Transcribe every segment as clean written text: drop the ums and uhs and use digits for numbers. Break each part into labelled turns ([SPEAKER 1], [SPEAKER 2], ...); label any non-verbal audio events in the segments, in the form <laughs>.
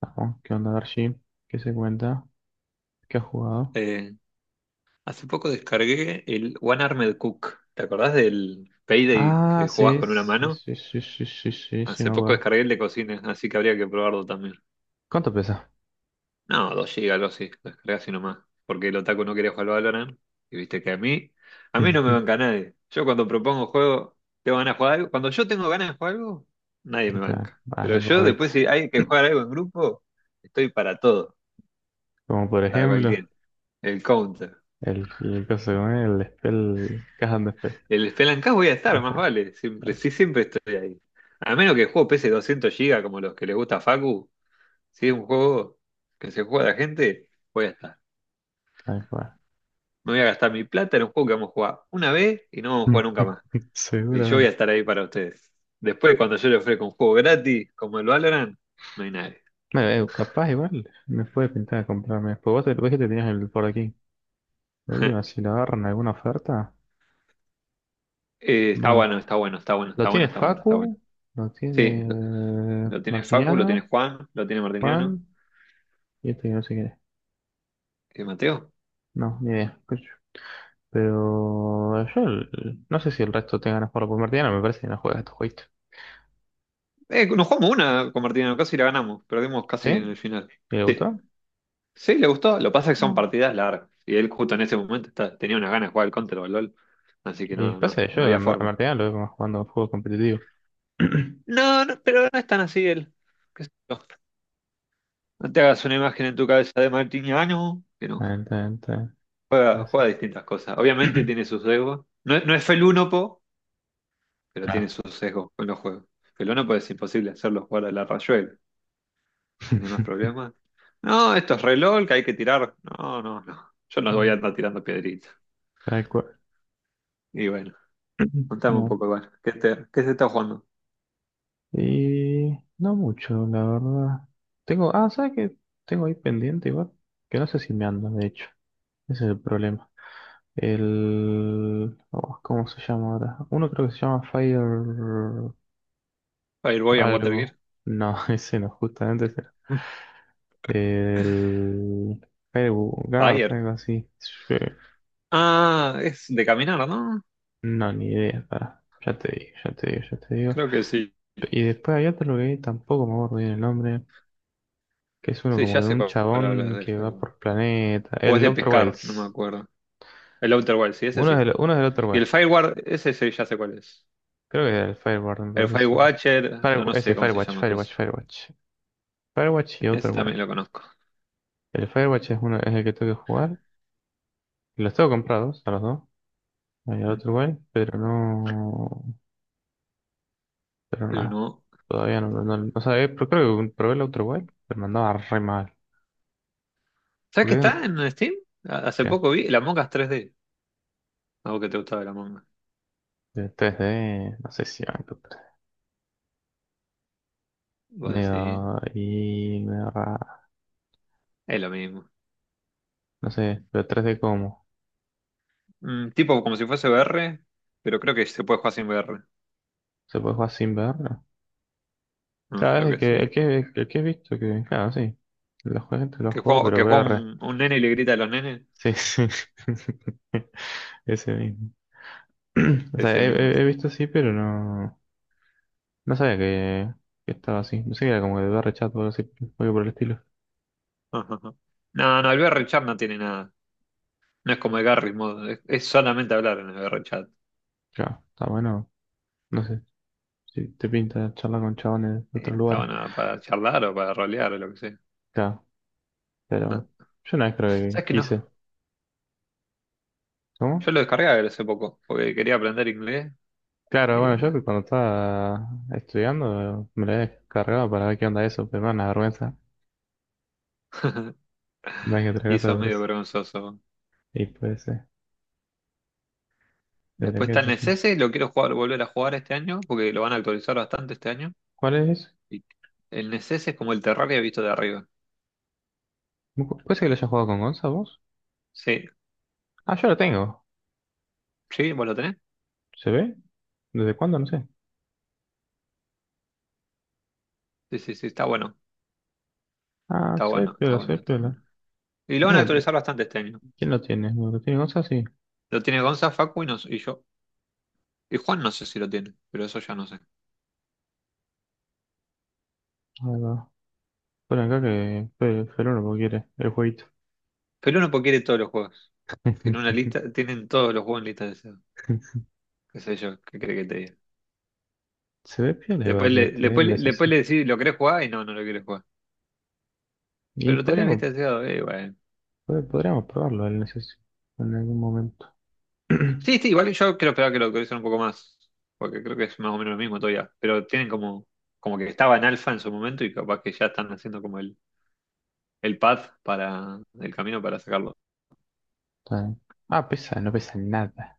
[SPEAKER 1] Vamos, ¿qué onda, Darcy? ¿Qué se cuenta? ¿Qué has jugado?
[SPEAKER 2] Eh, Hace poco descargué el One Armed Cook. ¿Te acordás del Payday
[SPEAKER 1] Ah,
[SPEAKER 2] que jugabas
[SPEAKER 1] sí,
[SPEAKER 2] con una
[SPEAKER 1] sí,
[SPEAKER 2] mano?
[SPEAKER 1] sí, sí, sí, sí, sí, sí,
[SPEAKER 2] Hace
[SPEAKER 1] me
[SPEAKER 2] poco
[SPEAKER 1] acuerdo.
[SPEAKER 2] descargué el de cocina, así que habría que probarlo también.
[SPEAKER 1] ¿Cuánto pesa?
[SPEAKER 2] No, 2 GB, algo así. Lo descargué así nomás. Porque el otaku no quería jugar al Valorant. Y viste que a mí no me banca
[SPEAKER 1] <laughs>
[SPEAKER 2] nadie. Yo cuando propongo juego, tengo ganas de jugar algo. Cuando yo tengo ganas de jugar algo, nadie
[SPEAKER 1] O
[SPEAKER 2] me
[SPEAKER 1] sea,
[SPEAKER 2] banca.
[SPEAKER 1] ah,
[SPEAKER 2] Pero yo después,
[SPEAKER 1] Rabbits.
[SPEAKER 2] si hay que jugar algo en grupo, estoy para todo,
[SPEAKER 1] Como por
[SPEAKER 2] para
[SPEAKER 1] ejemplo,
[SPEAKER 2] cualquier. El counter.
[SPEAKER 1] el caso con el Spell, Caja de Spell.
[SPEAKER 2] El Spelunky voy a estar, más
[SPEAKER 1] Perfecto,
[SPEAKER 2] vale. Siempre, sí, siempre estoy ahí. A menos que el juego pese 200 gigas como los que le gusta a Facu. Si es un juego que se juega a la gente, voy a estar.
[SPEAKER 1] tal cual.
[SPEAKER 2] No voy a gastar mi plata en un juego que vamos a jugar una vez y no vamos a jugar nunca más.
[SPEAKER 1] <laughs>
[SPEAKER 2] Y yo voy a
[SPEAKER 1] Seguramente.
[SPEAKER 2] estar ahí para ustedes. Después, cuando yo le ofrezco un juego gratis, como el Valorant, no hay nadie.
[SPEAKER 1] Bueno, capaz igual me puede pintar de comprarme. Pues vos, vos que te tenías el por aquí. La última, si
[SPEAKER 2] <laughs>
[SPEAKER 1] la agarran alguna oferta,
[SPEAKER 2] Está bueno,
[SPEAKER 1] banco.
[SPEAKER 2] está bueno, está bueno,
[SPEAKER 1] ¿Lo
[SPEAKER 2] está bueno,
[SPEAKER 1] tiene
[SPEAKER 2] está bueno, está bueno.
[SPEAKER 1] Facu? ¿Lo
[SPEAKER 2] Sí, lo,
[SPEAKER 1] tiene
[SPEAKER 2] lo tiene Facu, lo tiene
[SPEAKER 1] Martiniano?
[SPEAKER 2] Juan, lo tiene Martiniano.
[SPEAKER 1] Juan. Y esto que no sé quién es.
[SPEAKER 2] ¿Y Mateo?
[SPEAKER 1] No, ni idea. Coño, pero yo no sé si el resto tenga ganas de jugarlo, porque Martina me parece que no juega a estos jueguitos.
[SPEAKER 2] Nos jugamos una con Martina Alcázar y la ganamos. Perdimos
[SPEAKER 1] ¿Sí?
[SPEAKER 2] casi en el final.
[SPEAKER 1] ¿Y le
[SPEAKER 2] Sí.
[SPEAKER 1] gustó?
[SPEAKER 2] Sí, le gustó. Lo que pasa es que son
[SPEAKER 1] No.
[SPEAKER 2] partidas largas. Y él justo en ese momento tenía una gana de jugar al Counter o al LOL. Así que
[SPEAKER 1] Y
[SPEAKER 2] no, no,
[SPEAKER 1] pasa que yo
[SPEAKER 2] no
[SPEAKER 1] a
[SPEAKER 2] había
[SPEAKER 1] A
[SPEAKER 2] forma.
[SPEAKER 1] Martina lo veo más jugando a juego competitivo. <clears throat>
[SPEAKER 2] No, no, pero no es tan así él. Qué sé yo. No te hagas una imagen en tu cabeza de Martiniano, que no.
[SPEAKER 1] Tan, tan, tan,
[SPEAKER 2] Juega,
[SPEAKER 1] así.
[SPEAKER 2] juega distintas cosas. Obviamente tiene
[SPEAKER 1] <clears throat>
[SPEAKER 2] sus sesgos. No, es felúnopo, pero tiene
[SPEAKER 1] Claro.
[SPEAKER 2] sus sesgos con los juegos. Felúnopo es imposible hacerlo jugar a la Rayuela. ¿Tenés más
[SPEAKER 1] <laughs>
[SPEAKER 2] problemas? No, esto es reloj que hay que tirar. No, no, no. Yo no voy a
[SPEAKER 1] Mm.
[SPEAKER 2] andar tirando piedritas.
[SPEAKER 1] Tal cual.
[SPEAKER 2] Y bueno,
[SPEAKER 1] <clears throat>
[SPEAKER 2] contame un
[SPEAKER 1] No.
[SPEAKER 2] poco igual. ¿Qué, qué se está jugando?
[SPEAKER 1] Y no mucho, la verdad. Tengo, ¿sabes qué? Tengo ahí pendiente igual, que no sé si me anda, de hecho. Ese es el problema. Oh, ¿cómo se llama ahora? Uno creo que se llama Fire
[SPEAKER 2] Fireboy and Watergear.
[SPEAKER 1] algo. No, <laughs> ese no, justamente ese. No.
[SPEAKER 2] <laughs>
[SPEAKER 1] El... Guard, algo
[SPEAKER 2] Fire.
[SPEAKER 1] así. Sí,
[SPEAKER 2] Ah, es de caminar, ¿no?
[SPEAKER 1] no, ni idea, pará. Ya te digo, ya te digo, ya te digo.
[SPEAKER 2] Creo que sí.
[SPEAKER 1] Y después hay otro que tampoco me acuerdo bien el nombre, que es uno
[SPEAKER 2] Sí,
[SPEAKER 1] como
[SPEAKER 2] ya
[SPEAKER 1] de
[SPEAKER 2] sé
[SPEAKER 1] un
[SPEAKER 2] cuál hablas
[SPEAKER 1] chabón
[SPEAKER 2] del
[SPEAKER 1] que va
[SPEAKER 2] Firewall.
[SPEAKER 1] por planeta.
[SPEAKER 2] O es
[SPEAKER 1] El
[SPEAKER 2] de
[SPEAKER 1] Outer
[SPEAKER 2] pescar, no me
[SPEAKER 1] Wilds.
[SPEAKER 2] acuerdo. El Outer Wilds, sí, ese
[SPEAKER 1] Uno es
[SPEAKER 2] sí.
[SPEAKER 1] del, uno es del Outer
[SPEAKER 2] Y el
[SPEAKER 1] Wilds.
[SPEAKER 2] Fireward, ese sí, ya sé cuál es.
[SPEAKER 1] Creo que es el Fireguard, me
[SPEAKER 2] El
[SPEAKER 1] parece que se llama.
[SPEAKER 2] Firewatcher, no
[SPEAKER 1] Ese,
[SPEAKER 2] sé cómo se
[SPEAKER 1] Firewatch,
[SPEAKER 2] llama, pero
[SPEAKER 1] Firewatch,
[SPEAKER 2] ese,
[SPEAKER 1] Firewatch. Firewatch y Outer
[SPEAKER 2] ese también
[SPEAKER 1] Wilds.
[SPEAKER 2] lo conozco.
[SPEAKER 1] El Firewatch es, uno, es el que tengo que jugar. Los tengo comprados a los dos, ahí al
[SPEAKER 2] Mm,
[SPEAKER 1] otro igual, pero no. Pero
[SPEAKER 2] pero
[SPEAKER 1] nada.
[SPEAKER 2] no.
[SPEAKER 1] Todavía no. O sea, creo que probé el otro igual, pero me andaba re mal.
[SPEAKER 2] ¿Sabes que
[SPEAKER 1] Porque,
[SPEAKER 2] está en Steam? Hace
[SPEAKER 1] ¿qué?
[SPEAKER 2] poco vi el Among Us 3D. Algo que te gustaba el Among Us.
[SPEAKER 1] De 3D, no sé si van.
[SPEAKER 2] Vos decís,
[SPEAKER 1] Medio. Y medio raro.
[SPEAKER 2] es lo mismo.
[SPEAKER 1] No sé, pero tres d cómo.
[SPEAKER 2] Tipo como si fuese VR, pero creo que se puede jugar sin VR.
[SPEAKER 1] ¿Se puede jugar sin verlo?
[SPEAKER 2] No,
[SPEAKER 1] Claro, es
[SPEAKER 2] creo
[SPEAKER 1] el
[SPEAKER 2] que
[SPEAKER 1] que,
[SPEAKER 2] sí.
[SPEAKER 1] el que he visto que. Claro, sí. La gente lo
[SPEAKER 2] Que
[SPEAKER 1] juego,
[SPEAKER 2] juega,
[SPEAKER 1] pero
[SPEAKER 2] que juega
[SPEAKER 1] VR.
[SPEAKER 2] un nene y le grita a los nenes,
[SPEAKER 1] Sí, sí. <laughs> Ese mismo. <clears throat> O sea,
[SPEAKER 2] es el mismo.
[SPEAKER 1] he
[SPEAKER 2] Sí.
[SPEAKER 1] visto así, pero no, no sabía que estaba así. No sé que era como de barra chat o algo así, algo por el estilo.
[SPEAKER 2] <laughs> No, no, el VR chat no tiene nada. No es como el Garry's Mod, es solamente hablar en el VR chat.
[SPEAKER 1] Claro, está bueno. No sé, si te pinta charlar con chabones de otros lugares.
[SPEAKER 2] Estaba nada para charlar o para rolear o lo que sea.
[SPEAKER 1] Claro, pero
[SPEAKER 2] No.
[SPEAKER 1] bueno. Yo una vez creo que
[SPEAKER 2] ¿Sabes que
[SPEAKER 1] quise.
[SPEAKER 2] no?
[SPEAKER 1] ¿Cómo?
[SPEAKER 2] Yo lo descargué hace poco, porque quería aprender inglés
[SPEAKER 1] Claro,
[SPEAKER 2] y
[SPEAKER 1] bueno, yo
[SPEAKER 2] nada.
[SPEAKER 1] que cuando estaba estudiando me la había descargado para ver qué onda eso, pero me da una vergüenza. Más que otra
[SPEAKER 2] Y
[SPEAKER 1] cosa
[SPEAKER 2] sos
[SPEAKER 1] por
[SPEAKER 2] medio
[SPEAKER 1] eso.
[SPEAKER 2] vergonzoso.
[SPEAKER 1] Y puede ser, pero
[SPEAKER 2] Después
[SPEAKER 1] qué
[SPEAKER 2] está el
[SPEAKER 1] sé yo.
[SPEAKER 2] Necese, lo quiero jugar, volver a jugar este año, porque lo van a actualizar bastante este año.
[SPEAKER 1] ¿Cuál es?
[SPEAKER 2] Y el Necese es como el Terraria visto de arriba.
[SPEAKER 1] ¿Puede ser que lo hayas jugado con Gonza vos?
[SPEAKER 2] Sí,
[SPEAKER 1] Ah, yo lo tengo.
[SPEAKER 2] sí, ¿vos lo tenés?
[SPEAKER 1] ¿Se ve? ¿Desde cuándo? No sé.
[SPEAKER 2] Sí, sí, sí, está bueno,
[SPEAKER 1] Ah,
[SPEAKER 2] está
[SPEAKER 1] soy
[SPEAKER 2] bueno, está
[SPEAKER 1] piola,
[SPEAKER 2] bueno,
[SPEAKER 1] soy
[SPEAKER 2] está
[SPEAKER 1] piola.
[SPEAKER 2] bueno. Y lo van a
[SPEAKER 1] Mira,
[SPEAKER 2] actualizar bastante este año.
[SPEAKER 1] ¿quién lo tiene? ¿Lo tiene Gonza? Sí.
[SPEAKER 2] Lo tiene Gonza, Facu y yo. Y Juan no sé si lo tiene, pero eso ya no sé.
[SPEAKER 1] Ahí va. Pon acá que Feru lo quiere, el jueguito.
[SPEAKER 2] Pero uno porque quiere todos los juegos. Tiene una
[SPEAKER 1] <laughs>
[SPEAKER 2] lista, tienen todos los juegos en lista de deseados. Qué sé yo, qué cree que te diga.
[SPEAKER 1] Se ve piola
[SPEAKER 2] Después
[SPEAKER 1] igual
[SPEAKER 2] le,
[SPEAKER 1] este, el
[SPEAKER 2] después, le- después
[SPEAKER 1] NSS.
[SPEAKER 2] le decís, ¿lo querés jugar? Y no, no lo querés jugar.
[SPEAKER 1] Y
[SPEAKER 2] Pero lo tenés en
[SPEAKER 1] podríamos,
[SPEAKER 2] lista de deseados, bueno.
[SPEAKER 1] podríamos probarlo el NSS en algún momento. <clears throat> Está
[SPEAKER 2] Sí, sí, igual yo creo esperaba que lo actualicen un poco más, porque creo que es más o menos lo mismo todavía, pero tienen como, como que estaba en alfa en su momento y capaz que ya están haciendo como el path para el camino para sacarlo.
[SPEAKER 1] bien. Ah, pesa, no pesa nada.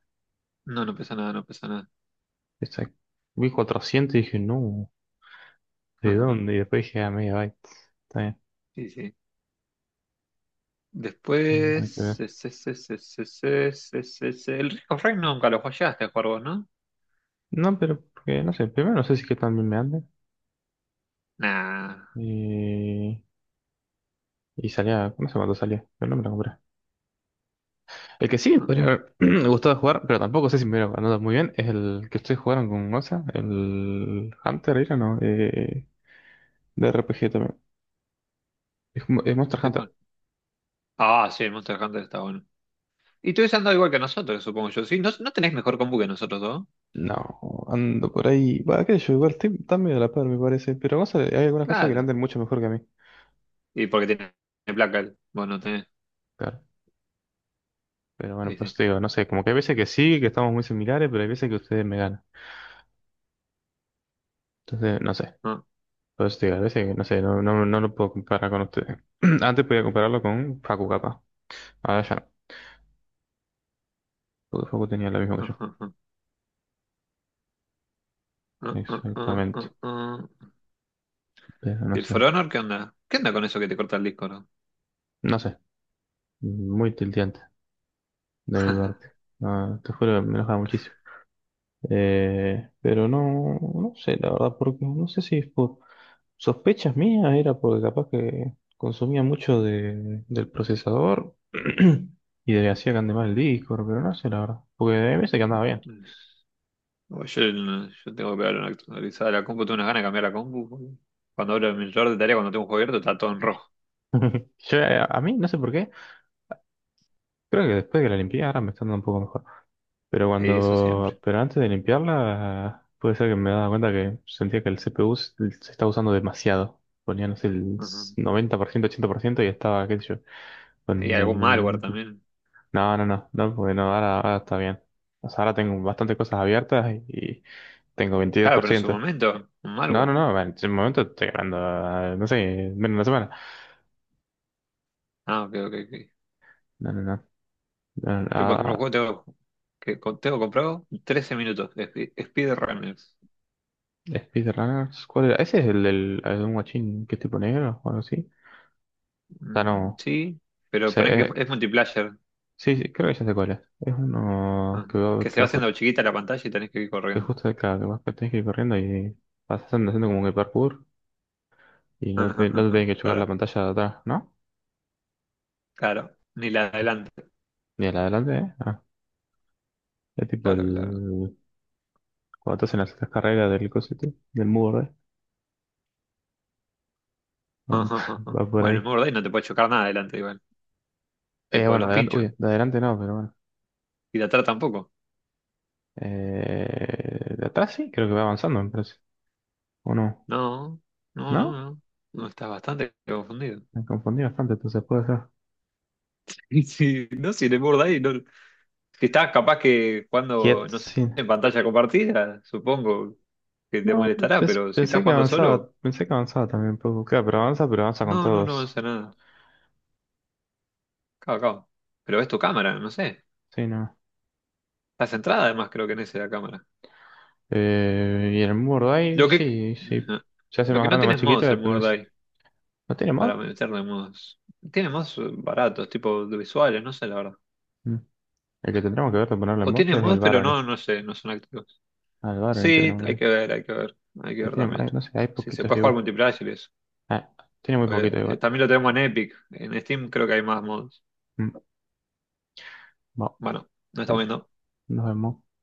[SPEAKER 2] No, no pesa nada, no pesa nada.
[SPEAKER 1] Pesa, vi 400 y dije, no, ¿de dónde?
[SPEAKER 2] <laughs>
[SPEAKER 1] Y después dije, ah, megabyte. Está bien.
[SPEAKER 2] Sí, sí.
[SPEAKER 1] Hay que ver.
[SPEAKER 2] Después, el Risk of Rain nunca lo jugaste a jugar vos, ¿no?
[SPEAKER 1] No, pero porque, no sé, primero no sé si que tan bien me ande.
[SPEAKER 2] Nah,
[SPEAKER 1] Y, y salía, no sé cuánto salía, pero no me lo compré. El que sí me
[SPEAKER 2] no
[SPEAKER 1] podría haber <clears throat> me gustado jugar, pero tampoco sé si me hubiera ganado muy bien, es el que ustedes jugaron con Goza, el Hunter era, ¿no? De RPG también. Es Monster
[SPEAKER 2] sé
[SPEAKER 1] Hunter.
[SPEAKER 2] cuál. Ah, sí, el Monster Hunter está bueno. Y tú ando igual que nosotros, supongo yo. Sí, ¿no, no tenés mejor compu que nosotros dos?
[SPEAKER 1] No, ando por ahí. Va, qué yo, igual están medio a la par, me parece. Pero Goza, hay algunas cosas que le
[SPEAKER 2] Claro.
[SPEAKER 1] andan mucho mejor que a mí.
[SPEAKER 2] Y porque tiene placa él. Vos no tenés.
[SPEAKER 1] Claro. Pero bueno,
[SPEAKER 2] Sí,
[SPEAKER 1] por
[SPEAKER 2] sí.
[SPEAKER 1] eso te digo, no sé, como que hay veces que sí, que estamos muy similares, pero hay veces que ustedes me ganan. Entonces, no sé.
[SPEAKER 2] Ah,
[SPEAKER 1] Por eso te digo, a veces que no sé, no lo puedo comparar con ustedes. <clears throat> Antes podía compararlo con Facu, capaz. Ahora ya no, porque Facu tenía lo mismo que yo.
[SPEAKER 2] ah, ah, ah, ah, ah, ah, ah,
[SPEAKER 1] Exactamente.
[SPEAKER 2] ah.
[SPEAKER 1] Pero
[SPEAKER 2] ¿Y
[SPEAKER 1] no
[SPEAKER 2] el
[SPEAKER 1] sé.
[SPEAKER 2] For Honor qué onda? ¿Qué onda con eso que te corta el disco, no?
[SPEAKER 1] No sé. Muy tilteante de mi parte.
[SPEAKER 2] <laughs>
[SPEAKER 1] No, te juro, que me enojaba muchísimo. Pero no, no sé, la verdad, porque no sé si es por sospechas mías, era porque capaz que consumía mucho de, del procesador <clears throat> y de, hacía que ande mal el disco, pero no sé, la verdad. Porque hay veces que andaba bien.
[SPEAKER 2] Oye, yo, yo tengo que pegar una actualizada a la compu. Tengo unas ganas de cambiar la compu, boludo. Cuando abro el monitor de tarea, cuando tengo un juego abierto, está todo en rojo.
[SPEAKER 1] Yo, a mí, no sé por qué, creo que después que la limpié ahora me está dando un poco mejor. Pero
[SPEAKER 2] Y eso siempre.
[SPEAKER 1] cuando, pero antes de limpiarla, puede ser que me daba cuenta que sentía que el CPU se estaba usando demasiado. Ponía, no sé, el
[SPEAKER 2] Ajá.
[SPEAKER 1] 90%, 80% y estaba, qué sé yo,
[SPEAKER 2] Y
[SPEAKER 1] con
[SPEAKER 2] algún malware
[SPEAKER 1] el...
[SPEAKER 2] también.
[SPEAKER 1] No, no, no, no, porque no, ahora está bien. O sea, ahora tengo bastantes cosas abiertas y tengo veintidós
[SPEAKER 2] Claro,
[SPEAKER 1] por
[SPEAKER 2] pero en su
[SPEAKER 1] ciento
[SPEAKER 2] momento, un
[SPEAKER 1] No, no,
[SPEAKER 2] malware.
[SPEAKER 1] no, bueno, en ese momento estoy ganando, no sé, menos de una semana.
[SPEAKER 2] Ah, ok, ok, ok.
[SPEAKER 1] No, no, no. No, no,
[SPEAKER 2] Yo, por ejemplo, un
[SPEAKER 1] ah,
[SPEAKER 2] juego tengo que tengo comprado 13 minutos. Speed Runners.
[SPEAKER 1] Speedrunners, ¿cuál era? ¿Ese es el el de un guachín que es tipo negro o algo así? O sea,
[SPEAKER 2] Mm,
[SPEAKER 1] no.
[SPEAKER 2] sí, pero ponés que es multiplayer.
[SPEAKER 1] Sí, sí, creo que ya sé cuál es. Es uno
[SPEAKER 2] Ah,
[SPEAKER 1] que va,
[SPEAKER 2] que se va haciendo chiquita la pantalla y tenés que ir
[SPEAKER 1] que
[SPEAKER 2] corriendo.
[SPEAKER 1] justo acá, que vas que tenés que ir corriendo y vas haciendo como que parkour y no te tienen
[SPEAKER 2] <laughs>
[SPEAKER 1] que chocar la
[SPEAKER 2] Claro,
[SPEAKER 1] pantalla de atrás, ¿no?
[SPEAKER 2] claro. Ni la de adelante.
[SPEAKER 1] Ni a la de adelante, ¿eh? Ah, es tipo
[SPEAKER 2] Claro, claro.
[SPEAKER 1] el... cuando te hacen las carreras del cosete, del muro, ¿eh? Va, <laughs>
[SPEAKER 2] <laughs>
[SPEAKER 1] va por ahí.
[SPEAKER 2] Bueno, me acordé y no te puede chocar nada adelante igual. Tipo
[SPEAKER 1] Bueno,
[SPEAKER 2] los
[SPEAKER 1] adelante,
[SPEAKER 2] pinchos.
[SPEAKER 1] uy, de adelante no, pero bueno.
[SPEAKER 2] Y de atrás tampoco.
[SPEAKER 1] De atrás sí, creo que va avanzando, me parece. ¿O no?
[SPEAKER 2] No, no, no,
[SPEAKER 1] ¿No?
[SPEAKER 2] no. No, estás bastante confundido. <laughs>
[SPEAKER 1] Me confundí bastante, entonces puede ser.
[SPEAKER 2] Sí, no, si te morda ahí, no. Si estás capaz que cuando,
[SPEAKER 1] Quiet,
[SPEAKER 2] no sé,
[SPEAKER 1] sí.
[SPEAKER 2] en pantalla compartida, supongo que te
[SPEAKER 1] No,
[SPEAKER 2] molestará, pero si estás jugando solo,
[SPEAKER 1] pensé que avanzaba también un poco. Claro, pero avanza con
[SPEAKER 2] no, no, no
[SPEAKER 1] todos.
[SPEAKER 2] avanza nada. Cabo, cabo. Pero ves tu cámara, no sé.
[SPEAKER 1] Sí, no.
[SPEAKER 2] Está centrada además, creo que en esa cámara.
[SPEAKER 1] Y el Mordai,
[SPEAKER 2] Lo que,
[SPEAKER 1] sí,
[SPEAKER 2] <laughs>
[SPEAKER 1] sí.
[SPEAKER 2] ajá,
[SPEAKER 1] Se hace
[SPEAKER 2] lo
[SPEAKER 1] más
[SPEAKER 2] que no
[SPEAKER 1] grande o más
[SPEAKER 2] tienes es
[SPEAKER 1] chiquito,
[SPEAKER 2] mods el
[SPEAKER 1] depende.
[SPEAKER 2] Mordai
[SPEAKER 1] ¿No tiene mod?
[SPEAKER 2] para meterle mods. Tiene mods, baratos, tipo de visuales, no sé la verdad.
[SPEAKER 1] Mm. El que tendremos que ver de ponerle
[SPEAKER 2] O
[SPEAKER 1] mod
[SPEAKER 2] tiene
[SPEAKER 1] es el
[SPEAKER 2] mods, pero
[SPEAKER 1] Barony.
[SPEAKER 2] no, no sé, no son activos.
[SPEAKER 1] Ah, el Barony
[SPEAKER 2] Sí,
[SPEAKER 1] tendremos que
[SPEAKER 2] hay que
[SPEAKER 1] ver.
[SPEAKER 2] ver, hay que ver. Hay que
[SPEAKER 1] Pero
[SPEAKER 2] ver
[SPEAKER 1] tiene,
[SPEAKER 2] también.
[SPEAKER 1] no sé, hay
[SPEAKER 2] Sí, se
[SPEAKER 1] poquitos
[SPEAKER 2] puede jugar
[SPEAKER 1] igual.
[SPEAKER 2] multiplayer y eso.
[SPEAKER 1] Ah, tiene muy poquitos
[SPEAKER 2] Pues,
[SPEAKER 1] igual.
[SPEAKER 2] también lo tenemos en Epic. En Steam creo que hay más mods.
[SPEAKER 1] Mm, bueno,
[SPEAKER 2] Bueno, no
[SPEAKER 1] qué
[SPEAKER 2] estamos
[SPEAKER 1] sé yo.
[SPEAKER 2] viendo.
[SPEAKER 1] Nos vemos.